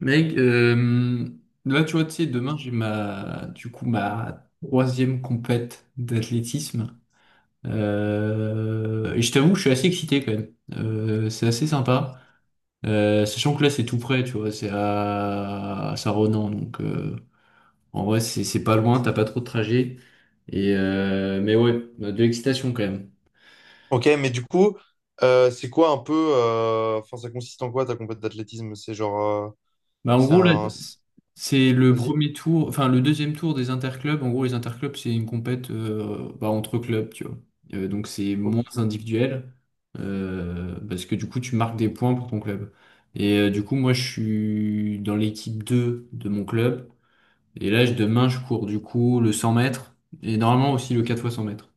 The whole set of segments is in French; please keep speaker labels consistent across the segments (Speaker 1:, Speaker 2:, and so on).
Speaker 1: Mec, là, tu vois, tu sais, demain, j'ai du coup, ma troisième compète d'athlétisme. Et je t'avoue que je suis assez excité quand même. C'est assez sympa. Sachant que là, c'est tout près, tu vois, c'est à Saint-Ronan. Donc, en vrai, c'est pas loin, t'as pas trop de trajet. Mais ouais, de l'excitation quand même.
Speaker 2: Ok, mais du coup, c'est quoi un peu. Enfin, ça consiste en quoi ta compète d'athlétisme? C'est genre.
Speaker 1: Bah, en
Speaker 2: C'est
Speaker 1: gros, là,
Speaker 2: un. C'est-
Speaker 1: c'est le
Speaker 2: Vas-y.
Speaker 1: premier tour, enfin le deuxième tour des interclubs. En gros, les interclubs, c'est une compète, bah, entre clubs, tu vois. Donc c'est
Speaker 2: Ok,
Speaker 1: moins individuel, parce que du coup, tu marques des points pour ton club. Et du coup, moi, je suis dans l'équipe 2 de mon club. Et là, demain, je cours du coup le 100 mètres, et normalement aussi le 4 fois 100 mètres.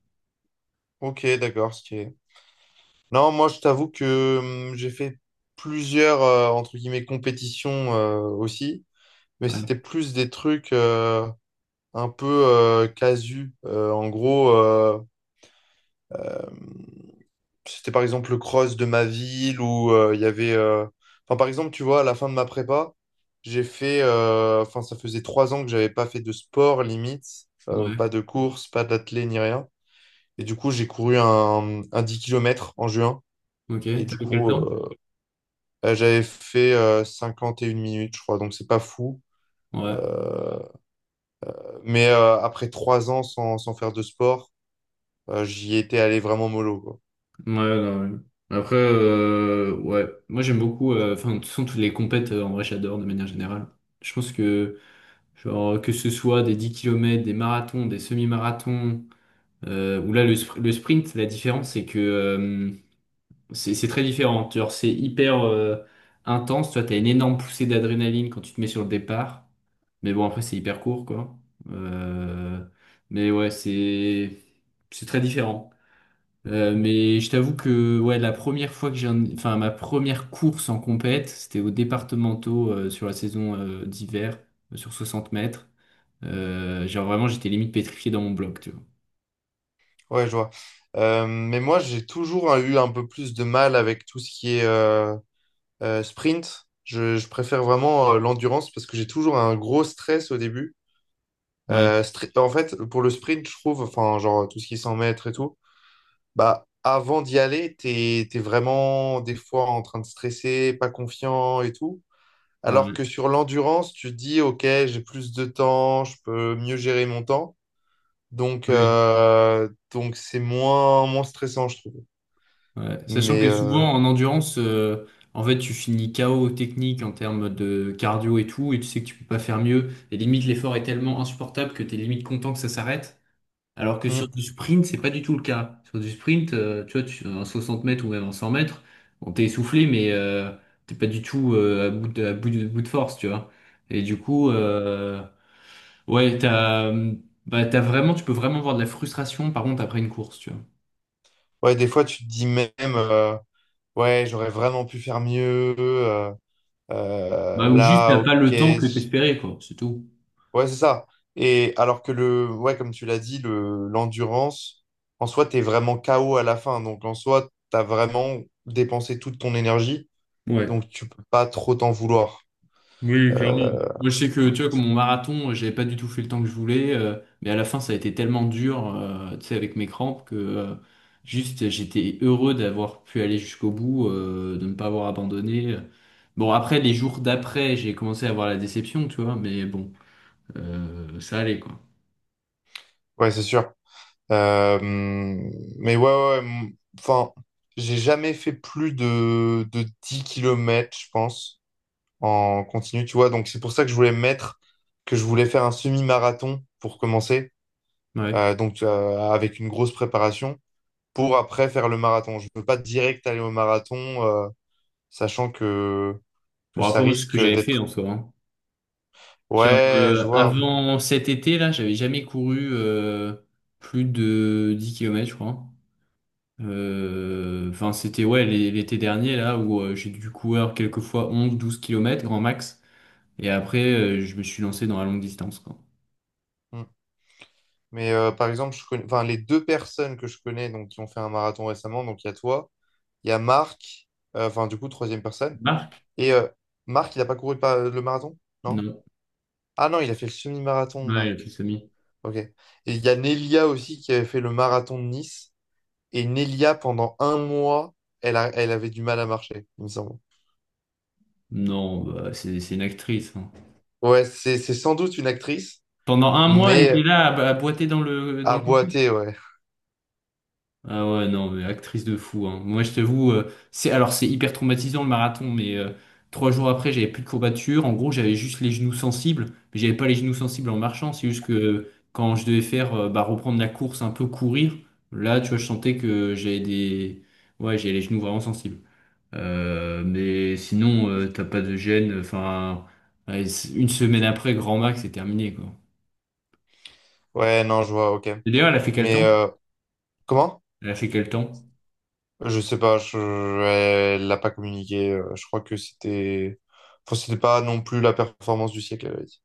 Speaker 2: Ok, d'accord. Non, moi, je t'avoue que j'ai fait plusieurs, entre guillemets, compétitions aussi, mais c'était
Speaker 1: Ouais,
Speaker 2: plus des trucs un peu casu. En gros. Hum, C'était par exemple le cross de ma ville où il y avait. Enfin, par exemple, tu vois, à la fin de ma prépa, j'ai fait. Enfin, ça faisait 3 ans que j'avais pas fait de sport limite, pas
Speaker 1: ouais,
Speaker 2: de course, pas d'athlé ni rien. Et du coup, j'ai couru un 10 kilomètres en juin.
Speaker 1: ok.
Speaker 2: Et du
Speaker 1: T'as fait quel
Speaker 2: coup,
Speaker 1: temps?
Speaker 2: j'avais fait 51 minutes, je crois. Donc, c'est pas fou.
Speaker 1: Ouais.
Speaker 2: Euh, mais après 3 ans sans faire de sport, j'y étais allé vraiment mollo, quoi.
Speaker 1: Ouais, non, ouais. Après, ouais, moi j'aime beaucoup, enfin, de toute façon, toutes les compètes, en vrai, j'adore de manière générale. Je pense que, genre, que ce soit des 10 kilomètres, des marathons, des semi-marathons, ou là, le sprint, la différence, c'est que c'est très différent. Genre, c'est hyper intense. Toi, t'as une énorme poussée d'adrénaline quand tu te mets sur le départ. Mais bon, après, c'est hyper court, quoi. Euh, mais ouais, c'est très différent. Mais je t'avoue que ouais, la première fois que enfin ma première course en compète, c'était aux départementaux, sur la saison d'hiver, sur 60 mètres. Genre vraiment, j'étais limite pétrifié dans mon bloc, tu vois.
Speaker 2: Ouais, je vois. Mais moi, j'ai toujours eu un peu plus de mal avec tout ce qui est sprint. Je préfère vraiment l'endurance parce que j'ai toujours un gros stress au début.
Speaker 1: Ouais.
Speaker 2: En fait, pour le sprint, je trouve, enfin, genre tout ce qui s'en mètres et tout, bah, avant d'y aller, t'es vraiment des fois en train de stresser, pas confiant et tout. Alors que
Speaker 1: Ouais.
Speaker 2: sur l'endurance, tu te dis, OK, j'ai plus de temps, je peux mieux gérer mon temps.
Speaker 1: Ouais.
Speaker 2: Donc c'est moins stressant, je trouve.
Speaker 1: Ouais. Sachant
Speaker 2: Mais
Speaker 1: que
Speaker 2: euh,
Speaker 1: souvent en endurance, en fait, tu finis KO technique en termes de cardio et tout, et tu sais que tu peux pas faire mieux. Et limite, l'effort est tellement insupportable que t'es limite content que ça s'arrête. Alors que sur
Speaker 2: hmm.
Speaker 1: du sprint, c'est pas du tout le cas. Sur du sprint, tu vois, en 60 mètres ou même en 100 mètres, on t'est essoufflé, mais t'es pas du tout à bout de force, tu vois. Et du coup, ouais, bah, t'as vraiment, tu peux vraiment avoir de la frustration, par contre, après une course, tu vois.
Speaker 2: Ouais, des fois, tu te dis même, euh, ouais, j'aurais vraiment pu faire mieux. euh, euh,
Speaker 1: Bah, ou juste,
Speaker 2: là,
Speaker 1: t'as
Speaker 2: ok.
Speaker 1: pas le temps que t'espérais, quoi, c'est tout.
Speaker 2: Ouais, c'est ça. Et alors que ouais, comme tu l'as dit, l'endurance, en soi, t'es vraiment KO à la fin. Donc, en soi, t'as vraiment dépensé toute ton énergie.
Speaker 1: Ouais.
Speaker 2: Donc, tu peux pas trop t'en vouloir.
Speaker 1: Oui, clairement.
Speaker 2: Euh,
Speaker 1: Moi, je sais que, tu vois, comme mon marathon, j'avais pas du tout fait le temps que je voulais, mais à la fin, ça a été tellement dur, tu sais, avec mes crampes, que juste, j'étais heureux d'avoir pu aller jusqu'au bout, de ne pas avoir abandonné. Bon, après, les jours d'après, j'ai commencé à avoir la déception, tu vois, mais bon, ça allait, quoi.
Speaker 2: ouais, c'est sûr. Mais ouais, ouais, ouais, enfin, j'ai jamais fait plus de 10 kilomètres, je pense, en continu, tu vois. Donc c'est pour ça que je voulais me mettre, que je voulais faire un semi-marathon pour commencer,
Speaker 1: Ouais.
Speaker 2: avec une grosse préparation, pour après faire le marathon. Je ne veux pas direct aller au marathon, euh, sachant que,
Speaker 1: Bon,
Speaker 2: ça
Speaker 1: après, moi, c'est ce que
Speaker 2: risque
Speaker 1: j'avais fait
Speaker 2: d'être...
Speaker 1: en soi, hein. Genre,
Speaker 2: Ouais, je vois.
Speaker 1: avant cet été, là, j'avais jamais couru plus de 10 kilomètres, je crois. Enfin, c'était ouais l'été dernier là où j'ai dû courir quelquefois 11, 12 kilomètres, grand max. Et après, je me suis lancé dans la longue distance, quoi.
Speaker 2: Mm. Par exemple, je connais... enfin, les deux personnes que je connais donc, qui ont fait un marathon récemment. Donc il y a toi, il y a Marc, enfin du coup, troisième personne,
Speaker 1: Marc?
Speaker 2: et euh, Marc, il n'a pas couru le marathon? Non.
Speaker 1: Non.
Speaker 2: Ah non, il a fait le semi-marathon,
Speaker 1: Ouais, elle a
Speaker 2: Marc.
Speaker 1: plus ami.
Speaker 2: Ok. Et il y a Nelia aussi qui avait fait le marathon de Nice. Et Nelia, pendant 1 mois, elle avait du mal à marcher, il me semble.
Speaker 1: Non, bah, c'est une actrice, hein.
Speaker 2: Ouais, c'est sans doute une actrice,
Speaker 1: Pendant un mois, elle
Speaker 2: mais
Speaker 1: était là à boiter dans le dans
Speaker 2: à
Speaker 1: le
Speaker 2: boiter, ouais.
Speaker 1: Ah ouais, non, mais actrice de fou, hein. Moi, je t'avoue, alors, c'est hyper traumatisant le marathon, mais 3 jours après, j'avais plus de courbatures. En gros, j'avais juste les genoux sensibles, mais j'avais pas les genoux sensibles en marchant. C'est juste que quand je devais faire, bah, reprendre la course, un peu courir, là, tu vois, je sentais que j'avais des, ouais, j'avais les genoux vraiment sensibles. Mais sinon, t'as pas de gêne. Enfin, ouais, une semaine après, grand max, c'est terminé, quoi.
Speaker 2: Ouais, non, je vois, ok.
Speaker 1: Et d'ailleurs, elle a fait quel
Speaker 2: Mais
Speaker 1: temps?
Speaker 2: comment?
Speaker 1: Elle a fait quel temps?
Speaker 2: Je sais pas, elle l'a pas communiqué. Je crois que c'était... Enfin, c'était pas non plus la performance du siècle, elle avait dit.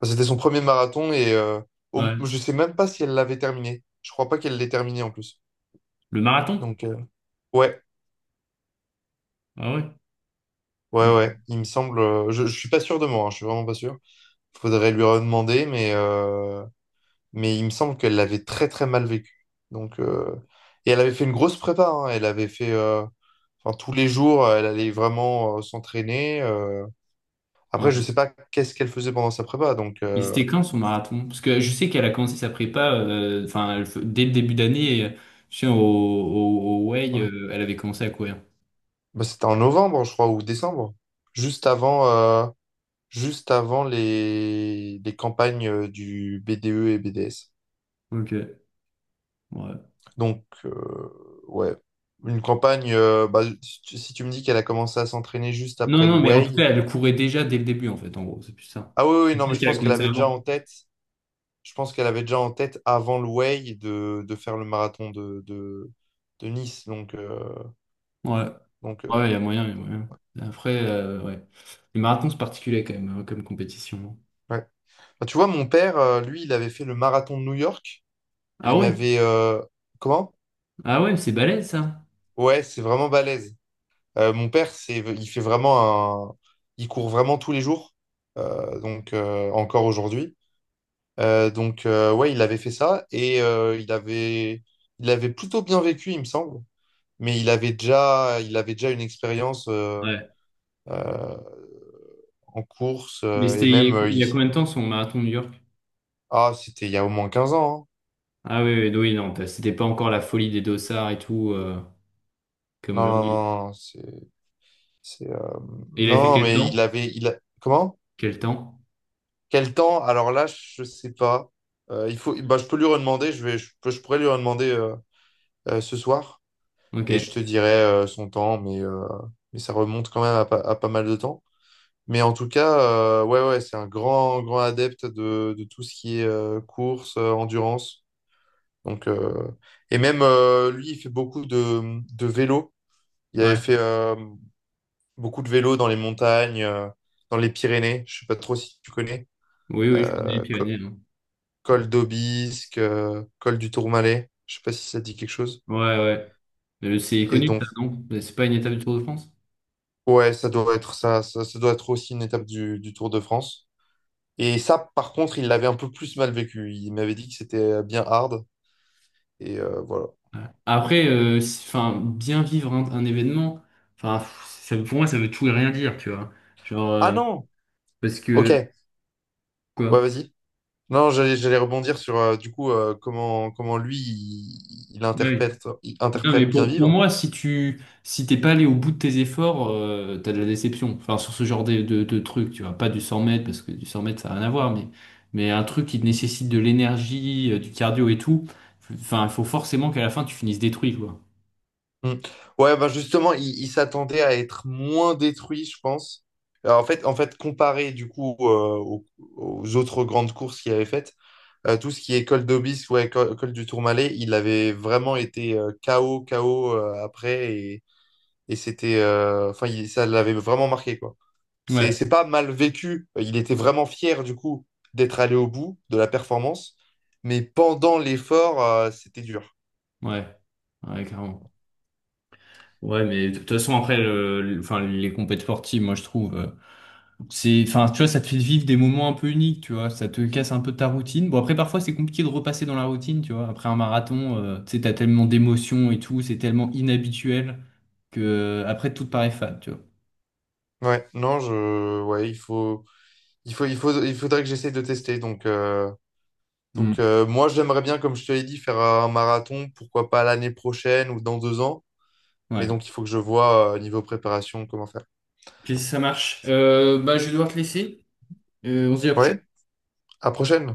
Speaker 2: Enfin, c'était son premier marathon et
Speaker 1: Ouais.
Speaker 2: je sais même pas si elle l'avait terminé. Je crois pas qu'elle l'ait terminé en plus.
Speaker 1: Le marathon?
Speaker 2: Donc, ouais.
Speaker 1: Ah ouais.
Speaker 2: Ouais, ouais,
Speaker 1: Ok.
Speaker 2: il me semble. Je suis pas sûr de moi, hein, je suis vraiment pas sûr. Faudrait lui redemander, mais il me semble qu'elle l'avait très très mal vécu. Donc, et elle avait fait une grosse prépa, hein. Elle avait fait. Enfin, tous les jours, elle allait vraiment s'entraîner. Après, je
Speaker 1: Ouais.
Speaker 2: sais pas qu'est-ce qu'elle faisait pendant sa prépa. Donc,
Speaker 1: Mais c'était quand son marathon? Parce que je sais qu'elle a commencé sa prépa, enfin, dès le début d'année, je sais, au Way,
Speaker 2: ouais.
Speaker 1: elle avait commencé à courir.
Speaker 2: Bah, c'était en novembre, je crois, ou décembre. Juste avant, euh, juste avant les campagnes du BDE et BDS.
Speaker 1: Ok, ouais.
Speaker 2: Donc, ouais, une campagne, bah, si tu me dis qu'elle a commencé à s'entraîner juste
Speaker 1: Non,
Speaker 2: après le
Speaker 1: non, mais en tout
Speaker 2: Way.
Speaker 1: cas, elle courait déjà dès le début, en fait, en gros, c'est plus ça.
Speaker 2: Ah oui, oui, non, mais
Speaker 1: Peut-être
Speaker 2: je
Speaker 1: qu'elle a
Speaker 2: pense qu'elle
Speaker 1: commencé
Speaker 2: avait déjà
Speaker 1: avant.
Speaker 2: en tête, je pense qu'elle avait déjà en tête avant le Way de faire le marathon de Nice. Donc,
Speaker 1: Ouais,
Speaker 2: donc
Speaker 1: ouais,
Speaker 2: euh,
Speaker 1: il y a moyen, il y a moyen. Après, ouais. Les marathons, c'est particulier quand même, hein, comme compétition.
Speaker 2: ouais. Bah, tu vois, mon père, lui, il avait fait le marathon de New York. Et
Speaker 1: Ah
Speaker 2: il
Speaker 1: ouais?
Speaker 2: m'avait. Comment?
Speaker 1: Ah ouais, c'est balèze, ça.
Speaker 2: Ouais, c'est vraiment balèze. Mon père, il fait vraiment un. Il court vraiment tous les jours. Encore aujourd'hui. Ouais, il avait fait ça et il avait plutôt bien vécu, il me semble. Mais il avait déjà une expérience
Speaker 1: Ouais.
Speaker 2: euh, en course,
Speaker 1: Mais
Speaker 2: et même,
Speaker 1: c'était il y a combien de temps son marathon de New York?
Speaker 2: ah, c'était il y a au moins 15 ans, hein.
Speaker 1: Ah oui, oui, oui, non, c'était pas encore la folie des dossards et tout, comme
Speaker 2: Non, non,
Speaker 1: aujourd'hui.
Speaker 2: non, non, c'est, euh,
Speaker 1: Et il avait fait
Speaker 2: non,
Speaker 1: quel
Speaker 2: mais il
Speaker 1: temps?
Speaker 2: avait, comment?
Speaker 1: Quel temps?
Speaker 2: Quel temps? Alors là, je sais pas. Il faut, bah, je peux lui redemander. Je vais, je, peux- Je pourrais lui redemander ce soir et
Speaker 1: Ok.
Speaker 2: je te dirai son temps, mais ça remonte quand même à pas mal de temps. Mais en tout cas, ouais, ouais, c'est un grand, grand adepte de tout ce qui est course, endurance. Donc, et même lui, il fait beaucoup de vélo. Il avait
Speaker 1: Ouais.
Speaker 2: fait beaucoup de vélo dans les montagnes, dans les Pyrénées. Je sais pas trop si tu connais.
Speaker 1: Oui, oui, je connais les
Speaker 2: Euh, co-
Speaker 1: Pyrénées, non.
Speaker 2: Col d'Aubisque, col du Tourmalet. Je sais pas si ça te dit quelque chose.
Speaker 1: Ouais, ouais. C'est
Speaker 2: Et
Speaker 1: connu,
Speaker 2: donc,
Speaker 1: ça, non? C'est pas une étape du Tour de France?
Speaker 2: ouais, ça doit être ça, ça doit être aussi une étape du Tour de France. Et ça, par contre, il l'avait un peu plus mal vécu. Il m'avait dit que c'était bien hard. Et voilà.
Speaker 1: Ouais. Après, enfin, bien vivre un événement, enfin, pff, pour moi, ça veut tout et rien dire, tu vois. Genre,
Speaker 2: Ah non!
Speaker 1: parce
Speaker 2: Ok.
Speaker 1: que,
Speaker 2: Ouais,
Speaker 1: quoi?
Speaker 2: vas-y. Non, j'allais rebondir sur comment lui il, il
Speaker 1: Oui.
Speaker 2: interprète, il
Speaker 1: Non, mais
Speaker 2: interprète bien
Speaker 1: pour
Speaker 2: vivre.
Speaker 1: moi, si t'es pas allé au bout de tes efforts, t'as de la déception. Enfin, sur ce genre de truc, tu vois, pas du 100 mètres, parce que du 100 mètres, ça n'a rien à voir, mais un truc qui te nécessite de l'énergie, du cardio et tout, enfin, il faut forcément qu'à la fin, tu finisses détruit, quoi.
Speaker 2: Hmm. Ouais, bah justement, il s'attendait à être moins détruit, je pense. Alors, en fait, comparé du coup aux, aux autres grandes courses qu'il avait faites, tout ce qui est col d'Aubis ou col du Tourmalet, il avait vraiment été KO, KO après et c'était, enfin, ça l'avait vraiment marqué quoi. C'est,
Speaker 1: Ouais,
Speaker 2: c'est pas mal vécu. Il était vraiment fier du coup d'être allé au bout de la performance, mais pendant l'effort, c'était dur.
Speaker 1: ouais, ouais, clairement. Ouais, mais de toute façon, après, enfin, les compétitions sportives, moi, je trouve. C'est, enfin, tu vois, ça te fait vivre des moments un peu uniques, tu vois. Ça te casse un peu ta routine. Bon, après, parfois, c'est compliqué de repasser dans la routine, tu vois. Après un marathon, tu sais, t'as tellement d'émotions et tout, c'est tellement inhabituel que après, tout te paraît fade, tu vois.
Speaker 2: Ouais, non, ouais, il faudrait que j'essaie de tester. Donc,
Speaker 1: Hmm.
Speaker 2: moi, j'aimerais bien, comme je te l'ai dit, faire un marathon, pourquoi pas l'année prochaine ou dans 2 ans. Mais
Speaker 1: Ouais.
Speaker 2: donc, il faut que je vois niveau préparation comment faire.
Speaker 1: Ok, ça marche. Je vais devoir te laisser. On se dit à la prochaine.
Speaker 2: Ouais, à prochaine.